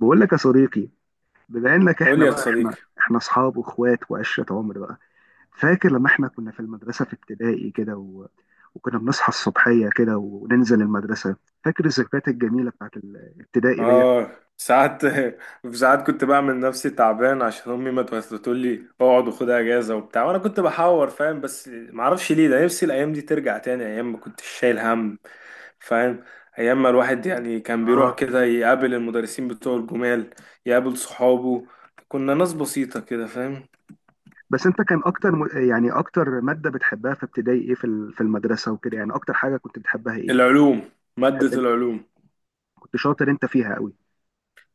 بقول لك يا صديقي، بما انك قول لي احنا يا بقى احنا صديقي. احنا اصحاب واخوات وعشره عمر بقى. فاكر لما احنا كنا في المدرسه في ابتدائي كده وكنا بنصحى الصبحيه كده وننزل المدرسه؟ فاكر الذكريات الجميله بتاعت الابتدائي ديت؟ اه. ساعات ساعات كنت بعمل نفسي تعبان عشان امي ما تقول لي اقعد وخد اجازه وبتاع، وانا كنت بحاور، فاهم؟ بس ما اعرفش ليه، ده نفسي الايام دي ترجع تاني، ايام ما كنتش شايل هم، فاهم؟ ايام ما الواحد يعني كان بيروح اه. كده يقابل المدرسين بتوع الجمال، يقابل صحابه. كنا ناس بسيطه كده، فاهم؟ بس انت كان اكتر يعني اكتر ماده بتحبها في ابتدائي ايه، في المدرسه وكده؟ يعني اكتر حاجه كنت بتحبها ايه؟ العلوم، ماده تحب؟ العلوم. كنت شاطر انت فيها قوي.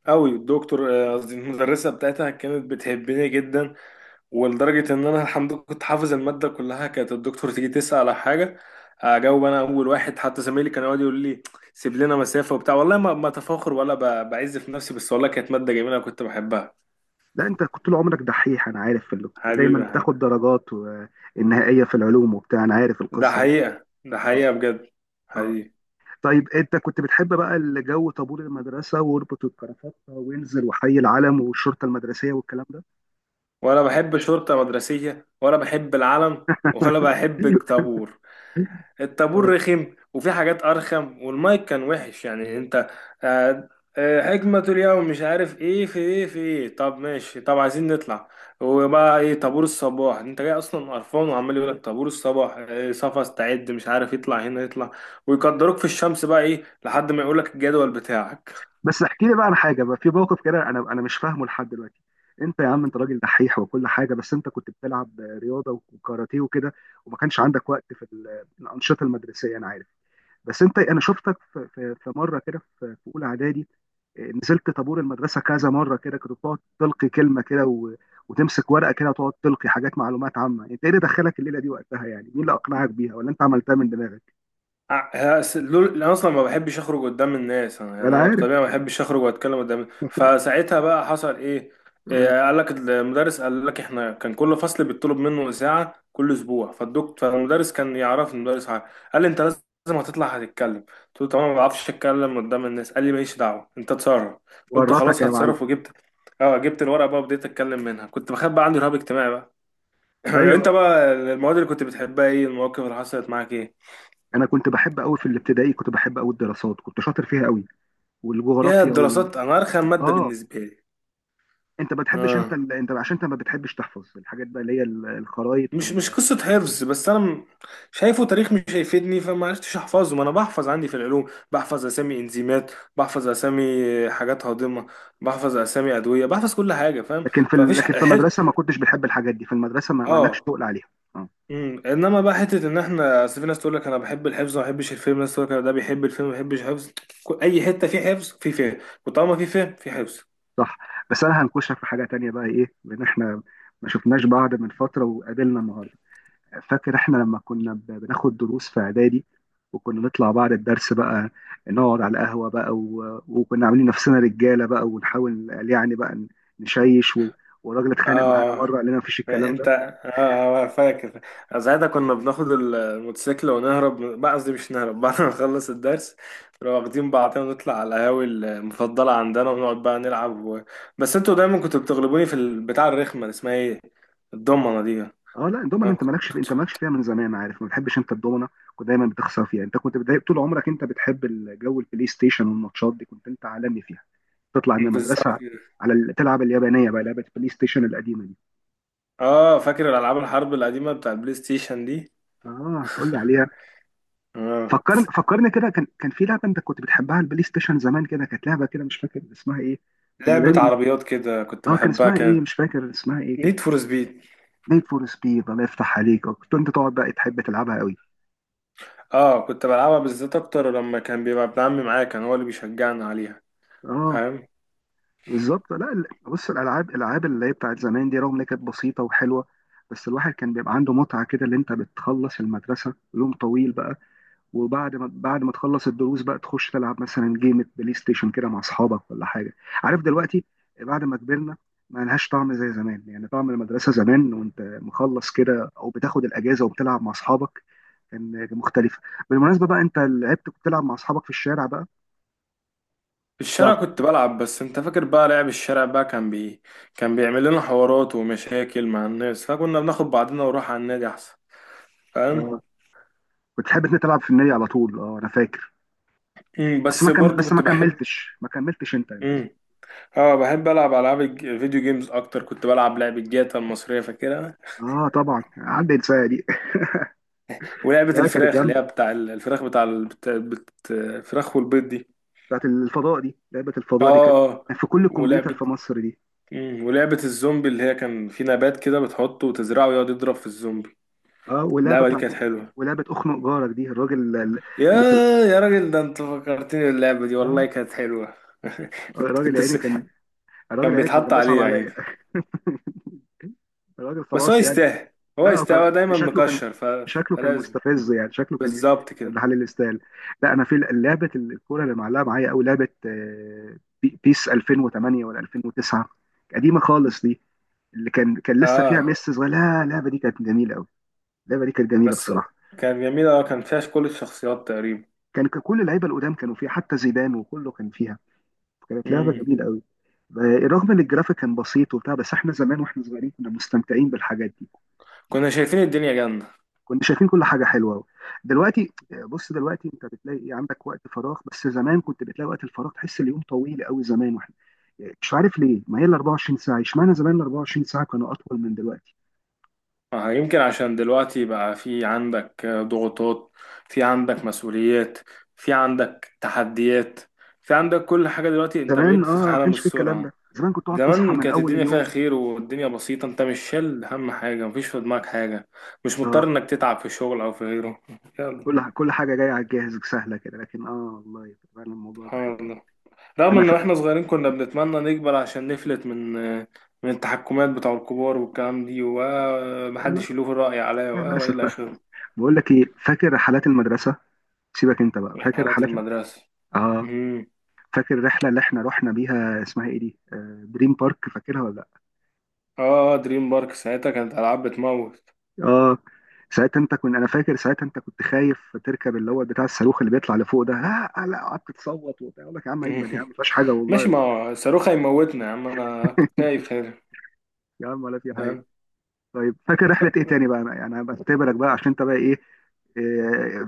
قوي. الدكتور، آه، قصدي المدرسه بتاعتها كانت بتحبني جدا. ولدرجة إن أنا الحمد لله كنت حافظ المادة كلها، كانت الدكتور تيجي تسأل على حاجة، أجاوب أنا أول واحد، حتى زمايلي كانوا يقعدوا يقولوا لي سيب لنا مسافة وبتاع. والله ما أتفاخر ولا بعز في نفسي، بس والله كانت مادة جميلة كنت بحبها. لا انت كنت طول عمرك دحيح، انا عارف دايما حبيبي يا حاج. بتاخد درجات النهائيه في العلوم وبتاع، انا عارف ده القصه دي. حقيقة، ده اه. حقيقة بجد. اه. حقيقي. طيب انت كنت بتحب بقى الجو، طابور المدرسه واربط الكرافات وانزل وحي العلم والشرطه المدرسيه والكلام ده؟ ولا بحب شرطة مدرسية، ولا بحب العلم، ولا بحب الطابور. الطابور آه. رخم، وفي حاجات ارخم، والمايك كان وحش، يعني انت. آه. آه، حكمة اليوم مش عارف ايه، في ايه، في ايه، طب ماشي، طب عايزين نطلع. وبقى ايه طابور الصباح، انت جاي اصلا قرفان وعمال يقول لك طابور الصباح إيه صفا استعد مش عارف، يطلع هنا يطلع، ويقدروك في الشمس بقى ايه لحد ما يقول لك الجدول بتاعك. بس احكي لي بقى عن حاجه بقى، في موقف كده انا مش فاهمه لحد دلوقتي. انت يا عم، انت راجل دحيح وكل حاجه، بس انت كنت بتلعب رياضه وكاراتيه وكده، وما كانش عندك وقت الانشطه المدرسيه، انا عارف. بس انت، انا شفتك في مره كده، في اولى اعدادي، آه، نزلت طابور المدرسه كذا مره كده، كنت بتقعد تلقي كلمه كده وتمسك ورقه كده وتقعد تلقي حاجات معلومات عامه. يعني انت ايه اللي دخلك الليله دي وقتها؟ يعني مين اللي اقنعك بيها ولا انت عملتها من دماغك؟ انا اصلا ما بحبش اخرج قدام الناس، انا يعني ولا انا عارف. بطبيعه ما بحبش اخرج واتكلم قدام، فساعتها بقى حصل ايه. إيه، قال لك المدرس، قال لك احنا كان كل فصل بيطلب منه ساعه كل اسبوع، فالمدرس كان يعرف، المدرس عارف. قال لي انت لازم هتطلع هتتكلم. قلت له تمام ما بعرفش اتكلم قدام الناس. قال لي ماليش دعوه انت اتصرف. قلت ورطك خلاص يا معلم. هتصرف، وجبت اه جبت الورقه بقى وبديت اتكلم منها، كنت بخاف بقى، عندي رهاب اجتماعي بقى. ايوه، انت بقى المواد اللي كنت بتحبها ايه، المواقف اللي حصلت معاك ايه؟ انا كنت بحب قوي في الابتدائي، كنت بحب قوي الدراسات، كنت شاطر فيها قوي، يا والجغرافيا وال. الدراسات انا ارخم ماده اه، بالنسبه لي. انت ما بتحبش، آه. انت عشان انت ما بتحبش تحفظ الحاجات بقى، اللي هي الخرايط. مش قصه حفظ، بس انا شايفه تاريخ مش هيفيدني، فما عرفتش احفظه. ما انا بحفظ، عندي في العلوم بحفظ اسامي انزيمات، بحفظ اسامي حاجات هاضمه، بحفظ اسامي ادويه، بحفظ كل حاجه، فاهم؟ فمفيش لكن في حد. المدرسه ما كنتش بنحب الحاجات دي، في المدرسه ما لكش اه. تقل عليها. اه. انما بقى حته ان احنا، اصل في ناس تقول لك انا بحب الحفظ وما بحبش الفيلم، ناس تقول لك أنا ده بيحب الفيلم ما بيحبش الحفظ، اي حته في حفظ في فهم. وطالما في فهم في حفظ. صح. بس انا هنكشك في حاجه تانية بقى ايه، لان احنا ما شفناش بعض من فتره وقابلنا النهارده. فاكر احنا لما كنا بناخد دروس في اعدادي، وكنا نطلع بعد الدرس بقى نقعد على القهوه بقى وكنا عاملين نفسنا رجاله بقى ونحاول يعني بقى نشيش والراجل اتخانق معانا اه. مره قال لنا مفيش الكلام. انت فاكر. ساعتها كنا بناخد الموتوسيكل ونهرب بقى، قصدي مش نهرب، بعد ما نخلص الدرس نبقى واخدين بعضنا ونطلع على القهاوي المفضلة عندنا، ونقعد بقى نلعب. بس انتوا دايما كنتوا بتغلبوني في البتاع الرخمة اللي اسمها ايه، الضمنة دي. اه. لا الدومنه، انا انت كنت. انت مالكش فيها من زمان، عارف، ما بتحبش انت الدومنه، كنت دايما بتخسر فيها، انت كنت بتضايق طول عمرك. انت بتحب الجو البلاي ستيشن والماتشات دي، كنت انت عالمي فيها. تطلع من بالظبط المدرسه كده. على تلعب اليابانيه بقى، لعبه البلاي ستيشن القديمه دي. اه، فاكر الالعاب الحرب القديمة بتاع البلاي ستيشن دي. اه، تقول لي عليها. اه، فكرني كده، كان في لعبه انت كنت بتحبها على البلاي ستيشن زمان كده، كانت لعبه كده، مش فاكر اسمها ايه، كنا لعبة دايما. عربيات كده كنت اه، كان بحبها، اسمها ايه؟ كانت. مش فاكر اسمها ايه كده. نيد فور سبيد. نيد فور سبيد. الله يفتح عليك، آه، كنت انت تقعد بقى تحب تلعبها قوي. اه، كنت بلعبها بالذات اكتر لما كان بيبقى ابن عمي معايا، كان هو اللي بيشجعنا عليها. اه. فاهم. بالظبط. لا بص الالعاب، الالعاب اللي هي بتاعت زمان دي، رغم ان هي كانت بسيطه وحلوه، بس الواحد كان بيبقى عنده متعه كده، اللي انت بتخلص المدرسه يوم طويل بقى، وبعد ما بعد ما تخلص الدروس بقى تخش تلعب مثلا جيمة بلاي ستيشن كده مع اصحابك ولا حاجه، عارف دلوقتي. بعد ما كبرنا ما لهاش طعم زي زمان، يعني طعم المدرسه زمان وانت مخلص كده او بتاخد الاجازه وبتلعب مع اصحابك كان مختلفه. بالمناسبه بقى، انت كنت بتلعب مع اصحابك في الشارع بقى؟ في الشارع بتلعب؟ كنت بلعب، بس انت فاكر بقى لعب الشارع بقى كان بيعمل لنا حوارات ومشاكل مع الناس، فكنا بناخد بعضنا ونروح على النادي احسن. فاهم. آه، كنت تحب انت تلعب في النادي على طول، اه انا فاكر. مم، بس برضو بس ما كنت بحب. كملتش ما كملتش انت للاسف. امم اه، بحب العب العاب فيديو جيمز اكتر، كنت بلعب لعبة جاتا المصرية، فاكرها؟ اه طبعا، عدى انسان دي. ولعبة لا كانت الفراخ اللي هي جامده، بتاع الفراخ بتاع الفراخ والبيض دي. بتاعت الفضاء دي، لعبه اه، الفضاء دي كانت اه، آه. يعني في كل كمبيوتر ولعبة. في مصر دي. مم، ولعبة الزومبي اللي هي كان في نبات كده بتحطه وتزرعه ويقعد يضرب في الزومبي. اه، واللعبه اللعبة دي بتاعت كانت حلوة. ولعبه اخنق جارك دي، الراجل اللي يا اللي بتلعب. يا راجل ده انت فكرتني اللعبة دي، والله اه. كانت حلوة. آه، كنت الراجل يا كنت عيني س... كان، الراجل كان يا عيني كان، بيتحط كان بيصعب عليه عليا. يعني. الراجل بس هو خلاص يعني. يستاهل، هو لا هو يستاهل، هو كان دايما شكله كان، مكشر شكله كان فلازم مستفز، يعني شكله كان بالظبط كده. محل الاستال. لا انا في لعبه الكوره اللي معلقه معايا قوي، لعبه آه، بيس 2008 ولا 2009، قديمه خالص دي، اللي كان لسه فيها اه، ميسي صغير. لا اللعبه دي كانت جميله قوي، اللعبه دي كانت جميله بس بصراحه. كان جميل، اه، كان فيها كل الشخصيات تقريبا. كان كل اللعيبه القدام كانوا فيها، حتى زيدان وكله كان فيها. كانت لعبه مم. جميله قوي. آه، رغم ان الجرافيك كان بسيط وبتاع، بس احنا زمان واحنا صغيرين كنا مستمتعين بالحاجات دي. كنا شايفين الدنيا جنة. كنا شايفين كل حاجه حلوه أوي. دلوقتي، بص دلوقتي انت بتلاقي ايه؟ عندك وقت فراغ؟ بس زمان كنت بتلاقي وقت الفراغ، تحس اليوم طويل قوي زمان. واحنا مش عارف ليه، ما هي ال 24 ساعه، اشمعنى زمان ال 24 ساعه كانوا اطول من دلوقتي. آه، يمكن عشان دلوقتي بقى في عندك ضغوطات، في عندك مسؤوليات، في عندك تحديات، في عندك كل حاجة. دلوقتي انت زمان بقيت اه، في ما عالم كانش في الكلام السرعة. ده، زمان كنت تقعد تصحى زمان من كانت اول الدنيا فيها اليوم. خير، والدنيا بسيطة، انت مش شايل هم حاجة، مفيش في دماغك حاجة، مش مضطر آه. انك تتعب في الشغل او في غيره. يلا. كل حاجه جايه على الجاهز سهله كده، لكن اه، والله فعلا الموضوع ده حلو سبحان أوي. الله، رغم انا ان ف... واحنا صغيرين كنا بنتمنى نكبر عشان نفلت من التحكمات بتاع الكبار والكلام دي، يا لا، ومحدش يلوه الرأي عليا للاسف والى بقى. اخره. بقول لك ايه، فاكر رحلات المدرسه؟ سيبك انت بقى، من فاكر حالات رحلات. المدرسة. اه، امم فاكر الرحله اللي احنا رحنا بيها، اسمها ايه دي، آه، دريم بارك، فاكرها ولا لا؟ اه، دريم بارك، ساعتها كانت العاب بتموت. اه. ساعتها انت كنت، انا فاكر ساعتها انت كنت خايف تركب اللي هو بتاع الصاروخ اللي بيطلع لفوق ده، لا قعدت تصوت وبتاع، اقول لك يا عم اجمل، يا عم ما فيهاش حاجه ماشي والله. ما هو صاروخ هيموتنا يا عم، انا كنت خايف، خير. يا عم ولا في حاجه. طيب فاكر رحله ايه تاني بقى؟ انا يعني بختبرك بقى، عشان انت بقى ايه، إيه،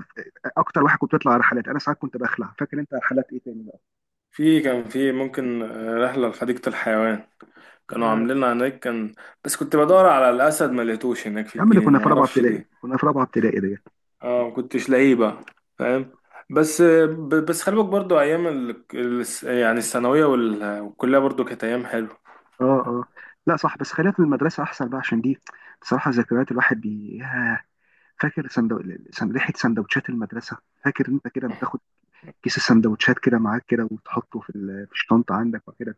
اكتر واحد كنت بتطلع رحلات. انا ساعات كنت بخلع. فاكر انت رحلات ايه تاني بقى؟ كان في ممكن، رحلة لحديقة الحيوان، كانوا عاملينها هناك. كان. بس كنت بدور على الأسد ما لقيتوش هناك في يا عم اللي كنا الجنينة، ما في رابعه أعرفش ابتدائي، ليه. كنا في رابعه ابتدائي دي. اه، ما كنتش لاقيه بقى. فاهم. بس خلي بالك برضه أيام يعني الثانوية والكلية برضه كانت أيام حلوة. اه. اه. لا صح، بس خلينا في المدرسه احسن بقى، عشان دي بصراحه ذكريات الواحد بي ياه. فاكر سندو... سن... ريحه سندوتشات المدرسه؟ فاكر انت كده بتاخد كيس السندوتشات كده معاك كده وتحطه في الشنطه عندك وكده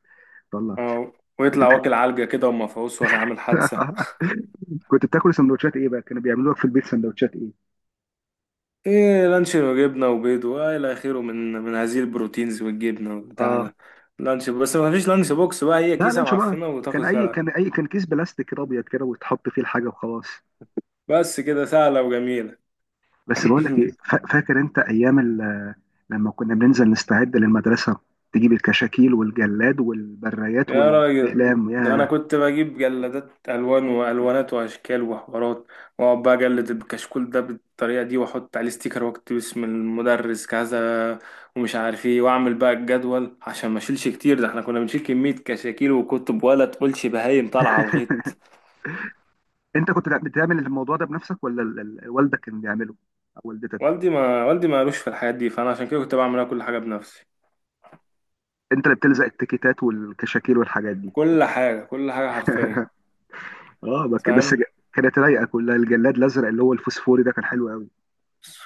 تطلع؟ اه، كنت ويطلع بتح... واكل علجة كده ومفعوص وعامل حادثة. كنت بتاكل سندوتشات ايه بقى؟ كانوا بيعملوا لك في البيت سندوتشات ايه؟ ايه، لانش وجبنة وبيض وإلى آخره، من هذه البروتينز والجبنة والبتاع اه. ده. لانش بس ما فيش لانش بوكس بقى، هي لا كيسة لانش بقى. معفنة وتاخد كان اي، كان فيها. اي، كان كيس بلاستيك كده ابيض كده وتحط فيه الحاجه وخلاص. بس كده سهلة وجميلة. بس بقول لك ايه، فاكر انت ايام لما كنا بننزل نستعد للمدرسه؟ تجيب الكشاكيل والجلاد والبرايات يا راجل، والاقلام، ده أنا يا. كنت بجيب جلادات ألوان وألوانات وأشكال وحوارات، وأقعد بقى أجلد الكشكول ده بالطريقة دي، وأحط عليه ستيكر وأكتب اسم المدرس كذا، ومش عارف إيه، وأعمل بقى الجدول عشان ما أشيلش كتير، ده إحنا كنا بنشيل كمية كشاكيل وكتب ولا تقولش بهايم طالعة على الغيط. انت كنت بتعمل الموضوع ده بنفسك، ولا والدك كان بيعمله او والدتك؟ والدي ما قالوش في الحاجات دي، فأنا عشان كده كنت بعملها كل حاجة بنفسي. انت اللي بتلزق التيكيتات والكشاكيل والحاجات دي؟ كل حاجة، كل حاجة حرفيا. اه. فاهم. كانت رايقه كلها، الجلاد الازرق اللي هو الفوسفوري ده كان حلو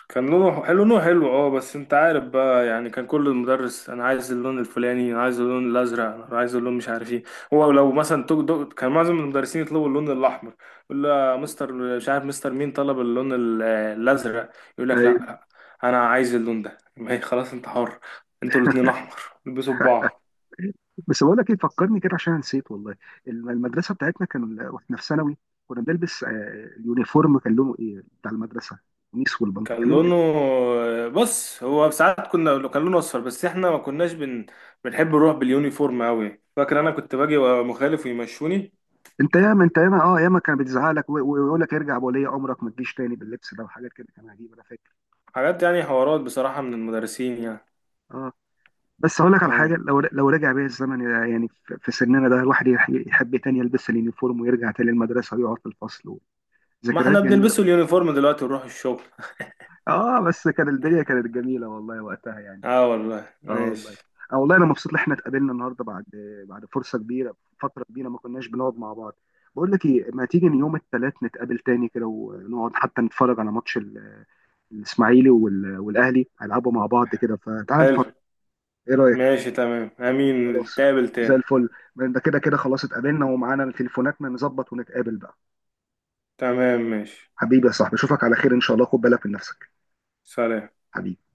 كان لونه حلو، لونه حلو. اه، بس انت عارف بقى، يعني كان كل المدرس انا عايز اللون الفلاني، انا عايز اللون الازرق، انا عايز اللون مش عارف ايه. هو لو مثلا توك دوك كان معظم المدرسين يطلبوا اللون الاحمر، يقول له مستر مش عارف مستر مين طلب اللون الازرق. يقول لك لا، قوي. لا، انا عايز اللون ده. ما هي خلاص انت حر. انتوا الاتنين احمر، البسوا ببعض. بس بقول لك ايه، فكرني كده عشان نسيت والله، المدرسه بتاعتنا كان واحنا في ثانوي كنا بنلبس آه، اليونيفورم كان لونه ايه بتاع المدرسه؟ قميص والبنطلون كان كان لونه ايه؟ لونه بص، هو ساعات كان لونه اصفر، بس احنا ما كناش بنحب نروح باليونيفورم قوي. فاكر انا كنت باجي وأبقى مخالف ويمشوني. انت ياما، انت ياما كان بيتزعق لك ويقول لك ارجع بولي امرك ما تجيش تاني باللبس ده، وحاجات كده كان عجيب انا فاكر. حاجات يعني، حوارات بصراحة من المدرسين يعني. اه. بس هقول لك على اه. حاجه، لو رجع بيا الزمن يعني في سننا ده، الواحد يحب تاني يلبس اليونيفورم ويرجع تاني المدرسه ويقعد في الفصل، ما احنا ذكريات جميله. بنلبسه اليونيفورم دلوقتي ونروح الشغل. اه، بس كان الدنيا كانت جميله والله وقتها يعني. اه والله اه والله. ماشي. اه والله، انا مبسوط ان احنا اتقابلنا النهارده بعد، بعد فرصه كبيره، فتره كبيره ما كناش بنقعد مع بعض. بقول لك ايه، ما تيجي يوم الثلاث نتقابل تاني كده ونقعد حتى نتفرج على ماتش الاسماعيلي والاهلي هيلعبوا مع بعض كده، فتعال نتفرج. حلو. ايه رايك؟ ماشي تمام، امين خلاص، نتقابل زي تاني. الفل. ده كده خلاص اتقابلنا، ومعانا التليفونات ما نظبط ونتقابل بقى. تمام ماشي. حبيبي يا صاحبي، اشوفك على خير ان شاء الله، خد بالك من نفسك. سلام. حبيبي.